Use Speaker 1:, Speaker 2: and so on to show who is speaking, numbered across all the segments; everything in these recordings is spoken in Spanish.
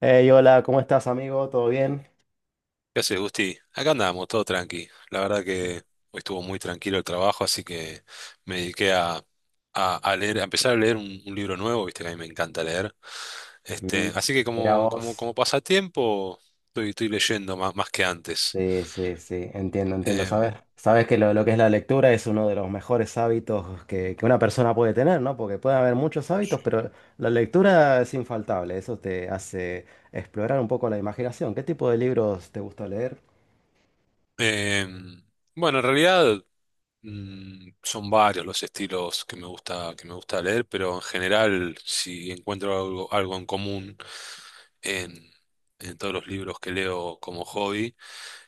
Speaker 1: Hey, hola, ¿cómo estás, amigo? ¿Todo bien?
Speaker 2: ¿Qué haces, Gusti? Acá andamos, todo tranqui. La verdad que hoy estuvo muy tranquilo el trabajo, así que me dediqué a empezar a leer un libro nuevo, viste que a mí me encanta leer. Este,
Speaker 1: Mm.
Speaker 2: así que
Speaker 1: Mira
Speaker 2: como, como,
Speaker 1: vos.
Speaker 2: como pasatiempo, estoy leyendo más que antes.
Speaker 1: Sí, sí, sí, entiendo, entiendo. Sabes,
Speaker 2: Em,
Speaker 1: sabes que lo que es la lectura es uno de los mejores hábitos que una persona puede tener, ¿no? Porque puede haber muchos hábitos, pero la lectura es infaltable. Eso te hace explorar un poco la imaginación. ¿Qué tipo de libros te gusta leer?
Speaker 2: em, bueno, en realidad son varios los estilos que me gusta leer, pero en general, si encuentro algo en común en, en todos los libros que leo como hobby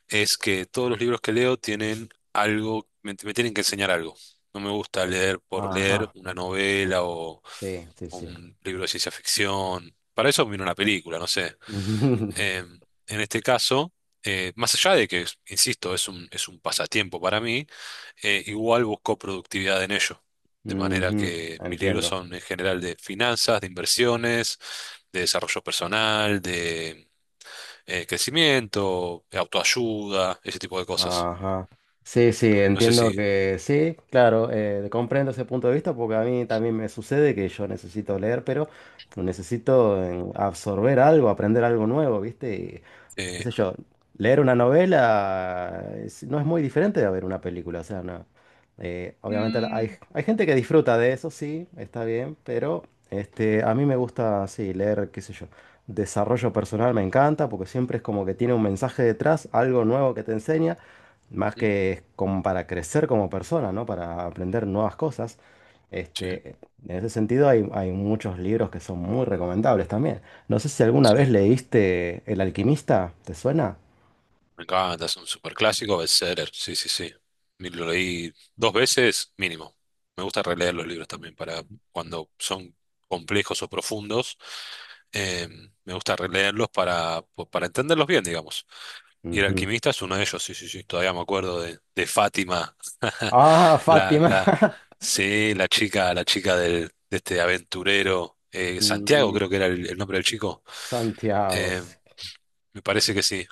Speaker 2: es que todos los libros que leo tienen me tienen que enseñar algo. No me gusta leer por leer
Speaker 1: Ajá,
Speaker 2: una novela o
Speaker 1: sí, sí, sí.
Speaker 2: un libro de ciencia ficción. Para eso miro una película, no sé. Eh, en este caso, más allá de que, insisto, es un pasatiempo para mí, igual busco productividad en ello. De manera
Speaker 1: Ujú,
Speaker 2: que mis libros
Speaker 1: entiendo.
Speaker 2: son en general de finanzas, de inversiones, de desarrollo personal, de crecimiento, autoayuda, ese tipo de cosas.
Speaker 1: Ajá. Sí, sí,
Speaker 2: No sé si...
Speaker 1: entiendo que sí, claro, comprendo ese punto de vista porque a mí también me sucede que yo necesito leer, pero necesito absorber algo, aprender algo nuevo, ¿viste? Y, qué
Speaker 2: eh,
Speaker 1: sé yo, leer una novela no es muy diferente de ver una película, o sea, no. Obviamente
Speaker 2: Mm,
Speaker 1: hay, hay gente que disfruta de eso, sí, está bien, pero este, a mí me gusta, sí, leer, qué sé yo. Desarrollo personal me encanta porque siempre es como que tiene un mensaje detrás, algo nuevo que te enseña. Más
Speaker 2: ¿Mm?
Speaker 1: que como para crecer como persona, ¿no? Para aprender nuevas cosas.
Speaker 2: Sí,
Speaker 1: Este, en ese sentido hay, hay muchos libros que son muy recomendables también. ¿No sé si alguna
Speaker 2: sí.
Speaker 1: vez leíste El alquimista, te suena?
Speaker 2: Me encanta, es un superclásico, bestseller. Sí, sí, sí. Me lo leí dos veces mínimo. Me gusta releer los libros también para cuando son complejos o profundos. eh, Me gusta para entenderlos bien, digamos. Y El
Speaker 1: Ujú.
Speaker 2: alquimista es uno de ellos, sí, sí, sí. Todavía me acuerdo de Fátima.
Speaker 1: Ah,
Speaker 2: La,
Speaker 1: Fátima.
Speaker 2: la, sí, la chica, de este aventurero. Santiago
Speaker 1: Ujú.
Speaker 2: creo que era el nombre del chico.
Speaker 1: Santiago.
Speaker 2: eh, Me parece que sí.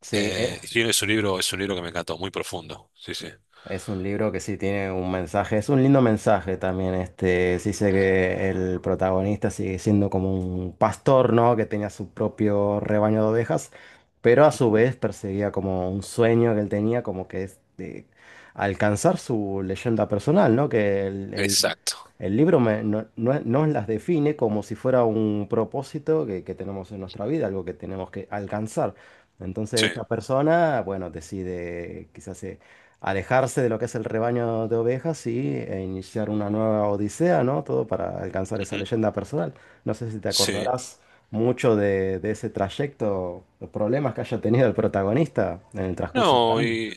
Speaker 1: Sí,
Speaker 2: Sí, es un libro que me encantó, muy profundo. Sí, sí.
Speaker 1: es un libro que sí tiene un mensaje, es un lindo mensaje también, este, sí sé que el protagonista sigue siendo como un pastor, ¿no? Que tenía su propio rebaño de ovejas, pero a su vez perseguía como un sueño que él tenía, como que es de alcanzar su leyenda personal, ¿no? Que el, el-
Speaker 2: Exacto.
Speaker 1: el libro nos, las define como si fuera un propósito que tenemos en nuestra vida, algo que tenemos que alcanzar. Entonces
Speaker 2: Sí.
Speaker 1: esta persona, bueno, decide quizás alejarse de lo que es el rebaño de ovejas y e iniciar una nueva odisea, ¿no? Todo para alcanzar esa
Speaker 2: Ujú.
Speaker 1: leyenda personal. No sé si te
Speaker 2: Sí.
Speaker 1: acordarás mucho de ese trayecto, los problemas que haya tenido el protagonista en el transcurso del
Speaker 2: No,
Speaker 1: camino.
Speaker 2: y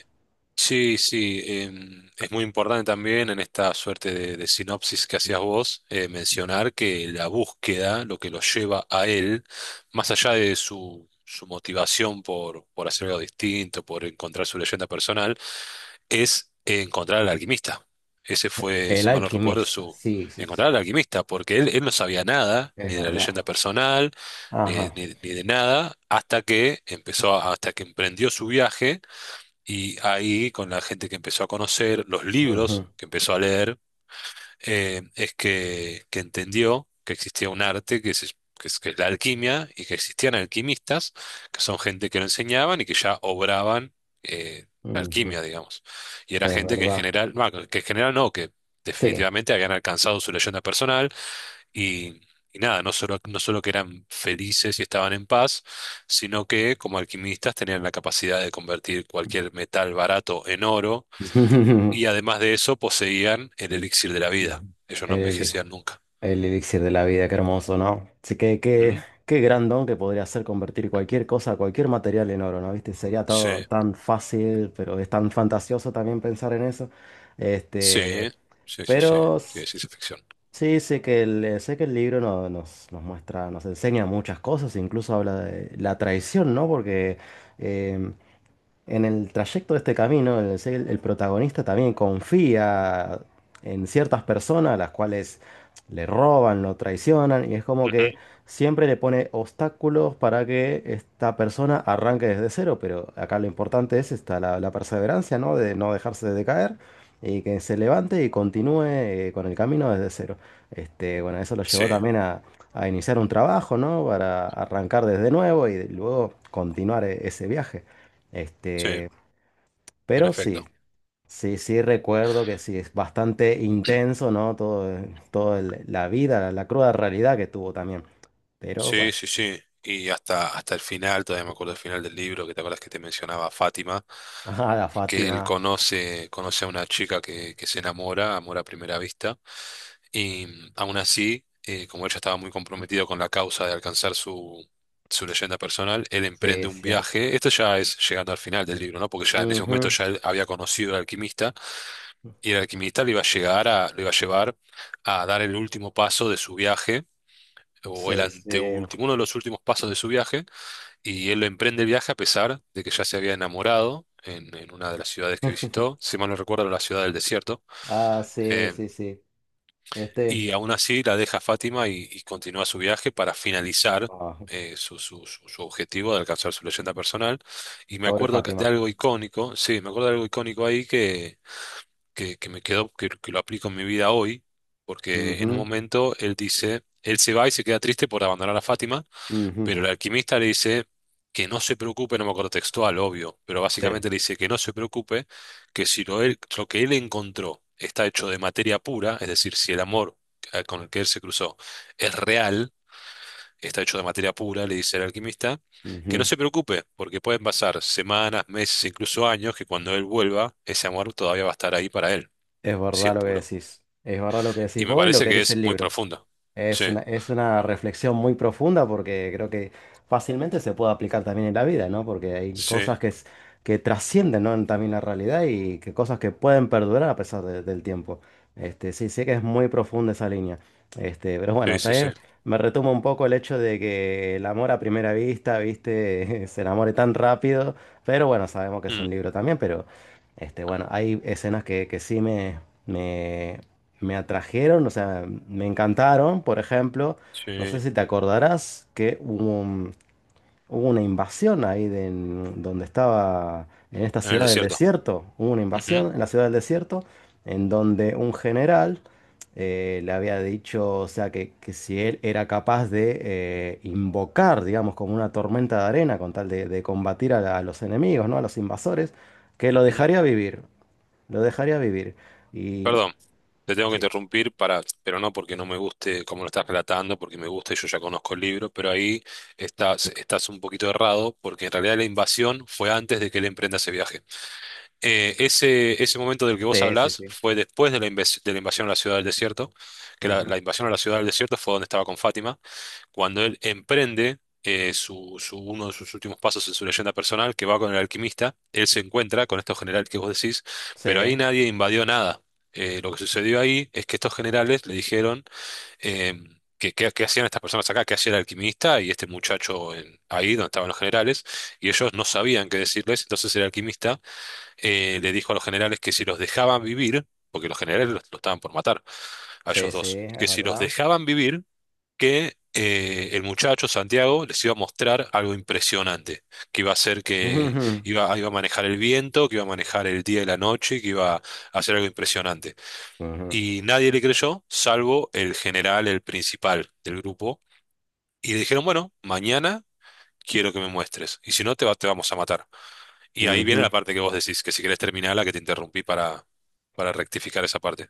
Speaker 2: sí, sí, es muy importante también en esta suerte de sinopsis que hacías vos, mencionar que la búsqueda, lo que lo lleva a él, más allá de su motivación por hacer algo distinto, por encontrar su leyenda personal, es encontrar al alquimista. Ese fue,
Speaker 1: El
Speaker 2: si mal no recuerdo,
Speaker 1: alquimista,
Speaker 2: su
Speaker 1: sí, sí, sí,
Speaker 2: encontrar al alquimista, porque él no sabía nada,
Speaker 1: es
Speaker 2: ni de la
Speaker 1: verdad.
Speaker 2: leyenda personal, ni,
Speaker 1: Ajá.
Speaker 2: ni- ni de nada, hasta que emprendió su viaje y ahí, con la gente que empezó a conocer, los
Speaker 1: Ujú,
Speaker 2: libros que empezó a leer, es que entendió que existía un arte que es la alquimia y que existían alquimistas, que son gente que lo enseñaban y que ya obraban eh, la
Speaker 1: ujú.
Speaker 2: alquimia, digamos. Y era
Speaker 1: Es
Speaker 2: gente que
Speaker 1: verdad.
Speaker 2: en general no, que
Speaker 1: Sí.
Speaker 2: definitivamente habían alcanzado su leyenda personal y, y nada, no solo que eran felices y estaban en paz, sino que como alquimistas tenían la capacidad de convertir cualquier metal barato en oro y además de eso poseían el elixir de la vida. Ellos no
Speaker 1: El
Speaker 2: envejecían nunca.
Speaker 1: El elixir de la vida, qué hermoso, ¿no? Sí, que qué,
Speaker 2: ¿Mm?
Speaker 1: qué gran don que podría ser convertir cualquier cosa, cualquier material en oro, ¿no? ¿Viste? Sería todo
Speaker 2: Sí,
Speaker 1: tan fácil, pero es tan fantasioso también pensar en eso. Este,
Speaker 2: sí, sí, sí, sí,
Speaker 1: pero
Speaker 2: sí, es ciencia ficción.
Speaker 1: sí, sé que el libro nos, nos muestra, nos enseña muchas cosas, incluso habla de la traición, ¿no? Porque em, en el trayecto de este camino, el protagonista también confía en ciertas personas, las cuales le roban, lo traicionan, y es como que
Speaker 2: Ujú.
Speaker 1: siempre le pone obstáculos para que esta persona arranque desde cero, pero acá lo importante es esta, la perseverancia, ¿no? De no dejarse de caer y que se levante y continúe con el camino desde cero. Este, bueno, eso lo
Speaker 2: Sí,
Speaker 1: llevó también a iniciar un trabajo, ¿no? Para arrancar desde nuevo y luego continuar ese viaje.
Speaker 2: sí,
Speaker 1: Este,
Speaker 2: en
Speaker 1: pero sí,
Speaker 2: efecto.
Speaker 1: sí, sí recuerdo que sí, es bastante intenso, ¿no? Todo, la vida, la cruda realidad que tuvo también. Pero bueno,
Speaker 2: Sí, sí, sí. Y hasta, hasta el final, todavía me acuerdo el final del libro, que te acuerdas que te mencionaba a Fátima.
Speaker 1: ajá, la
Speaker 2: Que él
Speaker 1: Fátima,
Speaker 2: conoce, conoce a una chica que se enamora, amor a primera vista, y aún así, como ella estaba muy comprometido con la causa de alcanzar su leyenda personal, él
Speaker 1: sí,
Speaker 2: emprende
Speaker 1: es
Speaker 2: un
Speaker 1: cierto.
Speaker 2: viaje, esto ya es llegando al final del libro, ¿no? Porque ya en ese momento
Speaker 1: Ujú,
Speaker 2: ya él había conocido al alquimista, y el alquimista le iba a llevar a dar el último paso de su viaje, o el
Speaker 1: sí, sí.
Speaker 2: anteúltimo, uno de los últimos pasos de su viaje y él emprende el viaje a pesar de que ya se había enamorado en una de las ciudades que visitó, si mal no recuerdo, la ciudad del desierto,
Speaker 1: Ah, sí,
Speaker 2: eh,
Speaker 1: sí, sí. Este,
Speaker 2: y aún así la deja a Fátima y continúa su viaje para finalizar
Speaker 1: ah,
Speaker 2: su objetivo de alcanzar su leyenda personal. Y me
Speaker 1: pobre
Speaker 2: acuerdo de
Speaker 1: Fátima.
Speaker 2: algo icónico, sí, me acuerdo de algo icónico ahí que me quedó, que lo aplico en mi vida hoy, porque en un momento él dice, él se va y se queda triste por abandonar a Fátima
Speaker 1: Ujú, ujú,
Speaker 2: pero el alquimista le dice que no se preocupe, no me acuerdo textual, obvio, pero
Speaker 1: sí,
Speaker 2: básicamente le dice que no se preocupe, que si lo, él- lo que él encontró está hecho de materia pura, es decir, si el amor con el que él se cruzó es real, está hecho de materia pura, le dice el alquimista, que no
Speaker 1: ujú.
Speaker 2: se preocupe, porque pueden pasar semanas, meses, incluso años, que cuando él vuelva, ese amor todavía va a estar ahí para él,
Speaker 1: Es
Speaker 2: si es
Speaker 1: verdad lo que
Speaker 2: puro.
Speaker 1: decís. Es verdad lo que decís
Speaker 2: Y me
Speaker 1: vos y lo
Speaker 2: parece
Speaker 1: que
Speaker 2: que
Speaker 1: dice
Speaker 2: es
Speaker 1: el
Speaker 2: muy
Speaker 1: libro.
Speaker 2: profundo. Sí,
Speaker 1: Es una reflexión muy profunda porque creo que fácilmente se puede aplicar también en la vida, ¿no? Porque hay
Speaker 2: sí,
Speaker 1: cosas que, que trascienden, ¿no? En también la realidad y que cosas que pueden perdurar a pesar del tiempo. Este, sí, sé que es muy profunda esa línea. Este, pero
Speaker 2: sí,
Speaker 1: bueno,
Speaker 2: sí, sí.
Speaker 1: también me retoma un poco el hecho de que el amor a primera vista, ¿viste? Se enamore tan rápido. Pero bueno, sabemos que es
Speaker 2: Mm,
Speaker 1: un libro también, pero este, bueno, hay escenas que sí me, me me atrajeron, o sea, me encantaron, por ejemplo,
Speaker 2: sí,
Speaker 1: no sé
Speaker 2: en
Speaker 1: si te acordarás que hubo, hubo una invasión ahí de, en donde estaba, en esta
Speaker 2: el
Speaker 1: ciudad del
Speaker 2: desierto.
Speaker 1: desierto, hubo una
Speaker 2: Ujú,
Speaker 1: invasión en la ciudad del desierto, en donde un general le había dicho, o sea, que si él era capaz de invocar, digamos, como una tormenta de arena con tal de combatir a, a los enemigos, ¿no? A los invasores, que lo
Speaker 2: ujú.
Speaker 1: dejaría vivir, lo dejaría vivir. Y
Speaker 2: Perdón, te tengo que
Speaker 1: sí.
Speaker 2: interrumpir para, pero no porque no me guste cómo lo estás relatando, porque me gusta y yo ya conozco el libro, pero ahí estás un poquito errado, porque en realidad la invasión fue antes de que él emprenda ese viaje. Ese momento del que vos
Speaker 1: Sí, sí,
Speaker 2: hablás
Speaker 1: sí.
Speaker 2: fue después de de la invasión a la ciudad del desierto, que la,
Speaker 1: Ujú.
Speaker 2: la invasión a la ciudad del desierto fue donde estaba con Fátima, cuando él emprende uno de sus últimos pasos en su leyenda personal, que va con el alquimista, él se encuentra con estos generales que vos decís,
Speaker 1: Sí,
Speaker 2: pero ahí nadie invadió nada. Lo que sucedió ahí es que estos generales le dijeron eh, que hacían estas personas acá, que hacía el alquimista y este muchacho ahí donde estaban los generales, y ellos no sabían qué decirles, entonces el alquimista le dijo a los generales que si los dejaban vivir, porque los generales los estaban por matar a
Speaker 1: sí,
Speaker 2: ellos
Speaker 1: sí,
Speaker 2: dos,
Speaker 1: es
Speaker 2: que si los
Speaker 1: verdad.
Speaker 2: dejaban vivir, que el muchacho Santiago les iba a mostrar algo impresionante, que
Speaker 1: Ujú,
Speaker 2: iba a manejar el viento, que iba a manejar el día y la noche, que iba a hacer algo impresionante.
Speaker 1: ujú,
Speaker 2: Y nadie le creyó, salvo el general, el principal del grupo. Y le dijeron, bueno, mañana quiero que me muestres, y si no te vamos a matar. Y ahí viene
Speaker 1: ujú.
Speaker 2: la parte que vos decís, que si querés terminarla, que te interrumpí para rectificar esa parte.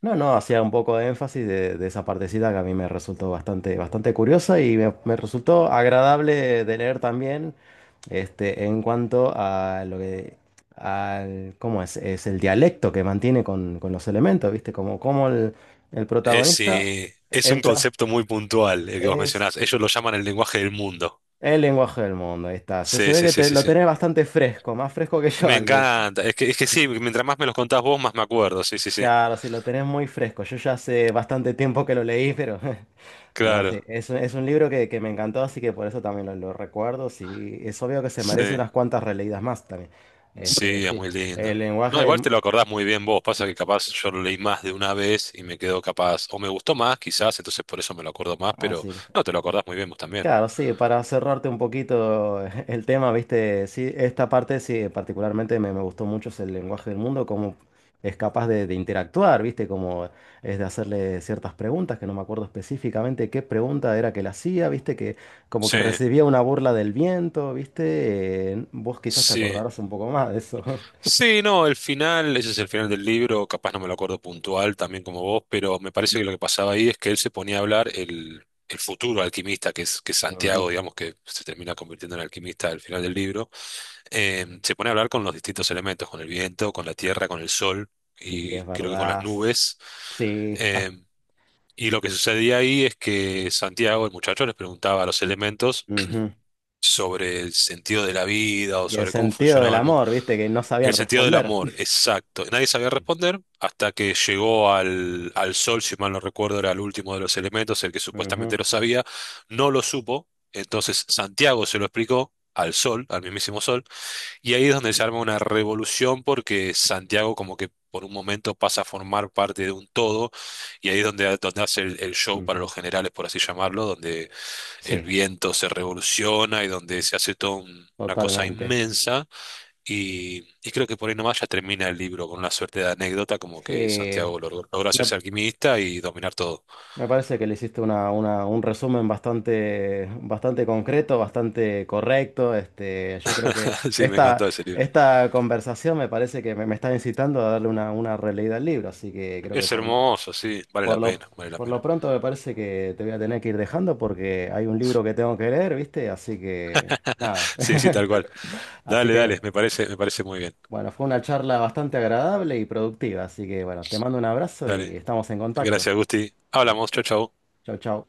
Speaker 1: No, no, hacía un poco de énfasis de esa partecita que a mí me resultó bastante, bastante curiosa y me resultó agradable de leer también, este, en cuanto a lo que, al, ¿cómo es? Es el dialecto que mantiene con los elementos, ¿viste? Como, como el protagonista
Speaker 2: Es un
Speaker 1: entra,
Speaker 2: concepto muy puntual el que vos
Speaker 1: es
Speaker 2: mencionás. Ellos lo llaman el lenguaje del mundo.
Speaker 1: el lenguaje del mundo, ahí está. Se
Speaker 2: Sí,
Speaker 1: ve
Speaker 2: sí,
Speaker 1: que
Speaker 2: sí, sí,
Speaker 1: lo
Speaker 2: sí.
Speaker 1: tenés bastante fresco, más fresco que yo,
Speaker 2: Me
Speaker 1: Ali.
Speaker 2: encanta. Es que sí, mientras más me los contás vos, más me acuerdo. Sí, sí, sí.
Speaker 1: Claro, si lo tenés muy fresco. Yo ya hace bastante tiempo que lo leí, pero no, sí,
Speaker 2: Claro.
Speaker 1: es, es un libro que me encantó, así que por eso también lo recuerdo. Sí, es obvio que se merece
Speaker 2: Sí.
Speaker 1: unas cuantas releídas más también. Este,
Speaker 2: Sí, es
Speaker 1: sí,
Speaker 2: muy
Speaker 1: el
Speaker 2: lindo.
Speaker 1: lenguaje
Speaker 2: No, igual
Speaker 1: del...
Speaker 2: te lo acordás muy bien vos. Pasa que capaz yo lo leí más de una vez y me quedó capaz. O me gustó más, quizás, entonces por eso me lo acuerdo más, pero
Speaker 1: Así.
Speaker 2: no, te lo acordás muy bien vos también.
Speaker 1: Claro, sí, para cerrarte un poquito el tema, viste, sí, esta parte sí, particularmente me, me gustó mucho es el lenguaje del mundo, cómo es capaz de interactuar, viste, cómo es de hacerle ciertas preguntas, que no me acuerdo específicamente qué pregunta era que le hacía, viste, que como que
Speaker 2: Sí,
Speaker 1: recibía una burla del viento, viste, vos quizás te
Speaker 2: sí.
Speaker 1: acordarás un poco más de eso.
Speaker 2: Sí, no, el final, ese es el final del libro, capaz no me lo acuerdo puntual también como vos, pero me parece que lo que pasaba ahí es que él se ponía a hablar el futuro alquimista, que es Santiago,
Speaker 1: Ujú.
Speaker 2: digamos, que se termina convirtiendo en alquimista al final del libro, se pone a hablar con los distintos elementos, con el viento, con la tierra, con el sol
Speaker 1: Sí,
Speaker 2: y
Speaker 1: es
Speaker 2: creo que con las
Speaker 1: verdad.
Speaker 2: nubes.
Speaker 1: Sí,
Speaker 2: eh, y lo que sucedía ahí es que Santiago, el muchacho, les preguntaba a los elementos
Speaker 1: ujú.
Speaker 2: sobre el sentido de la vida o
Speaker 1: Y el
Speaker 2: sobre cómo
Speaker 1: sentido del
Speaker 2: funcionaba el mundo.
Speaker 1: amor, viste, que no sabían
Speaker 2: El sentido del
Speaker 1: responder.
Speaker 2: amor, exacto. Nadie sabía responder hasta que llegó al sol, si mal no recuerdo, era el último de los elementos, el que
Speaker 1: Ujú,
Speaker 2: supuestamente lo sabía, no lo supo. Entonces Santiago se lo explicó al sol, al mismísimo sol, y ahí es donde se arma una revolución porque Santiago como que por un momento pasa a formar parte de un todo, y ahí es donde, donde hace el show para
Speaker 1: ujú.
Speaker 2: los generales, por así llamarlo, donde el
Speaker 1: Sí.
Speaker 2: viento se revoluciona y donde se hace toda una cosa
Speaker 1: Totalmente.
Speaker 2: inmensa y creo que por ahí nomás ya termina el libro con una suerte de anécdota, como que
Speaker 1: Sí,
Speaker 2: Santiago logró
Speaker 1: me,
Speaker 2: hacerse alquimista y dominar todo.
Speaker 1: me parece que le hiciste una, un resumen bastante, bastante concreto, bastante correcto. Este, yo creo que
Speaker 2: Sí, me
Speaker 1: esta,
Speaker 2: encantó ese libro.
Speaker 1: esta conversación me parece que me está incitando a darle una releída al libro, así que creo que
Speaker 2: Es hermoso, sí, vale la
Speaker 1: por lo,
Speaker 2: pena, vale la
Speaker 1: por lo
Speaker 2: pena.
Speaker 1: pronto me parece que te voy a tener que ir dejando porque hay un libro que tengo que leer, ¿viste? Así que nada.
Speaker 2: Sí, sí, tal cual.
Speaker 1: Así
Speaker 2: Dale,
Speaker 1: que
Speaker 2: dale, me parece muy bien.
Speaker 1: bueno, fue una charla bastante agradable y productiva, así que bueno, te mando un abrazo
Speaker 2: Dale.
Speaker 1: y estamos en contacto.
Speaker 2: Gracias, Gusti. Hablamos, chau, chau.
Speaker 1: Chao, chao.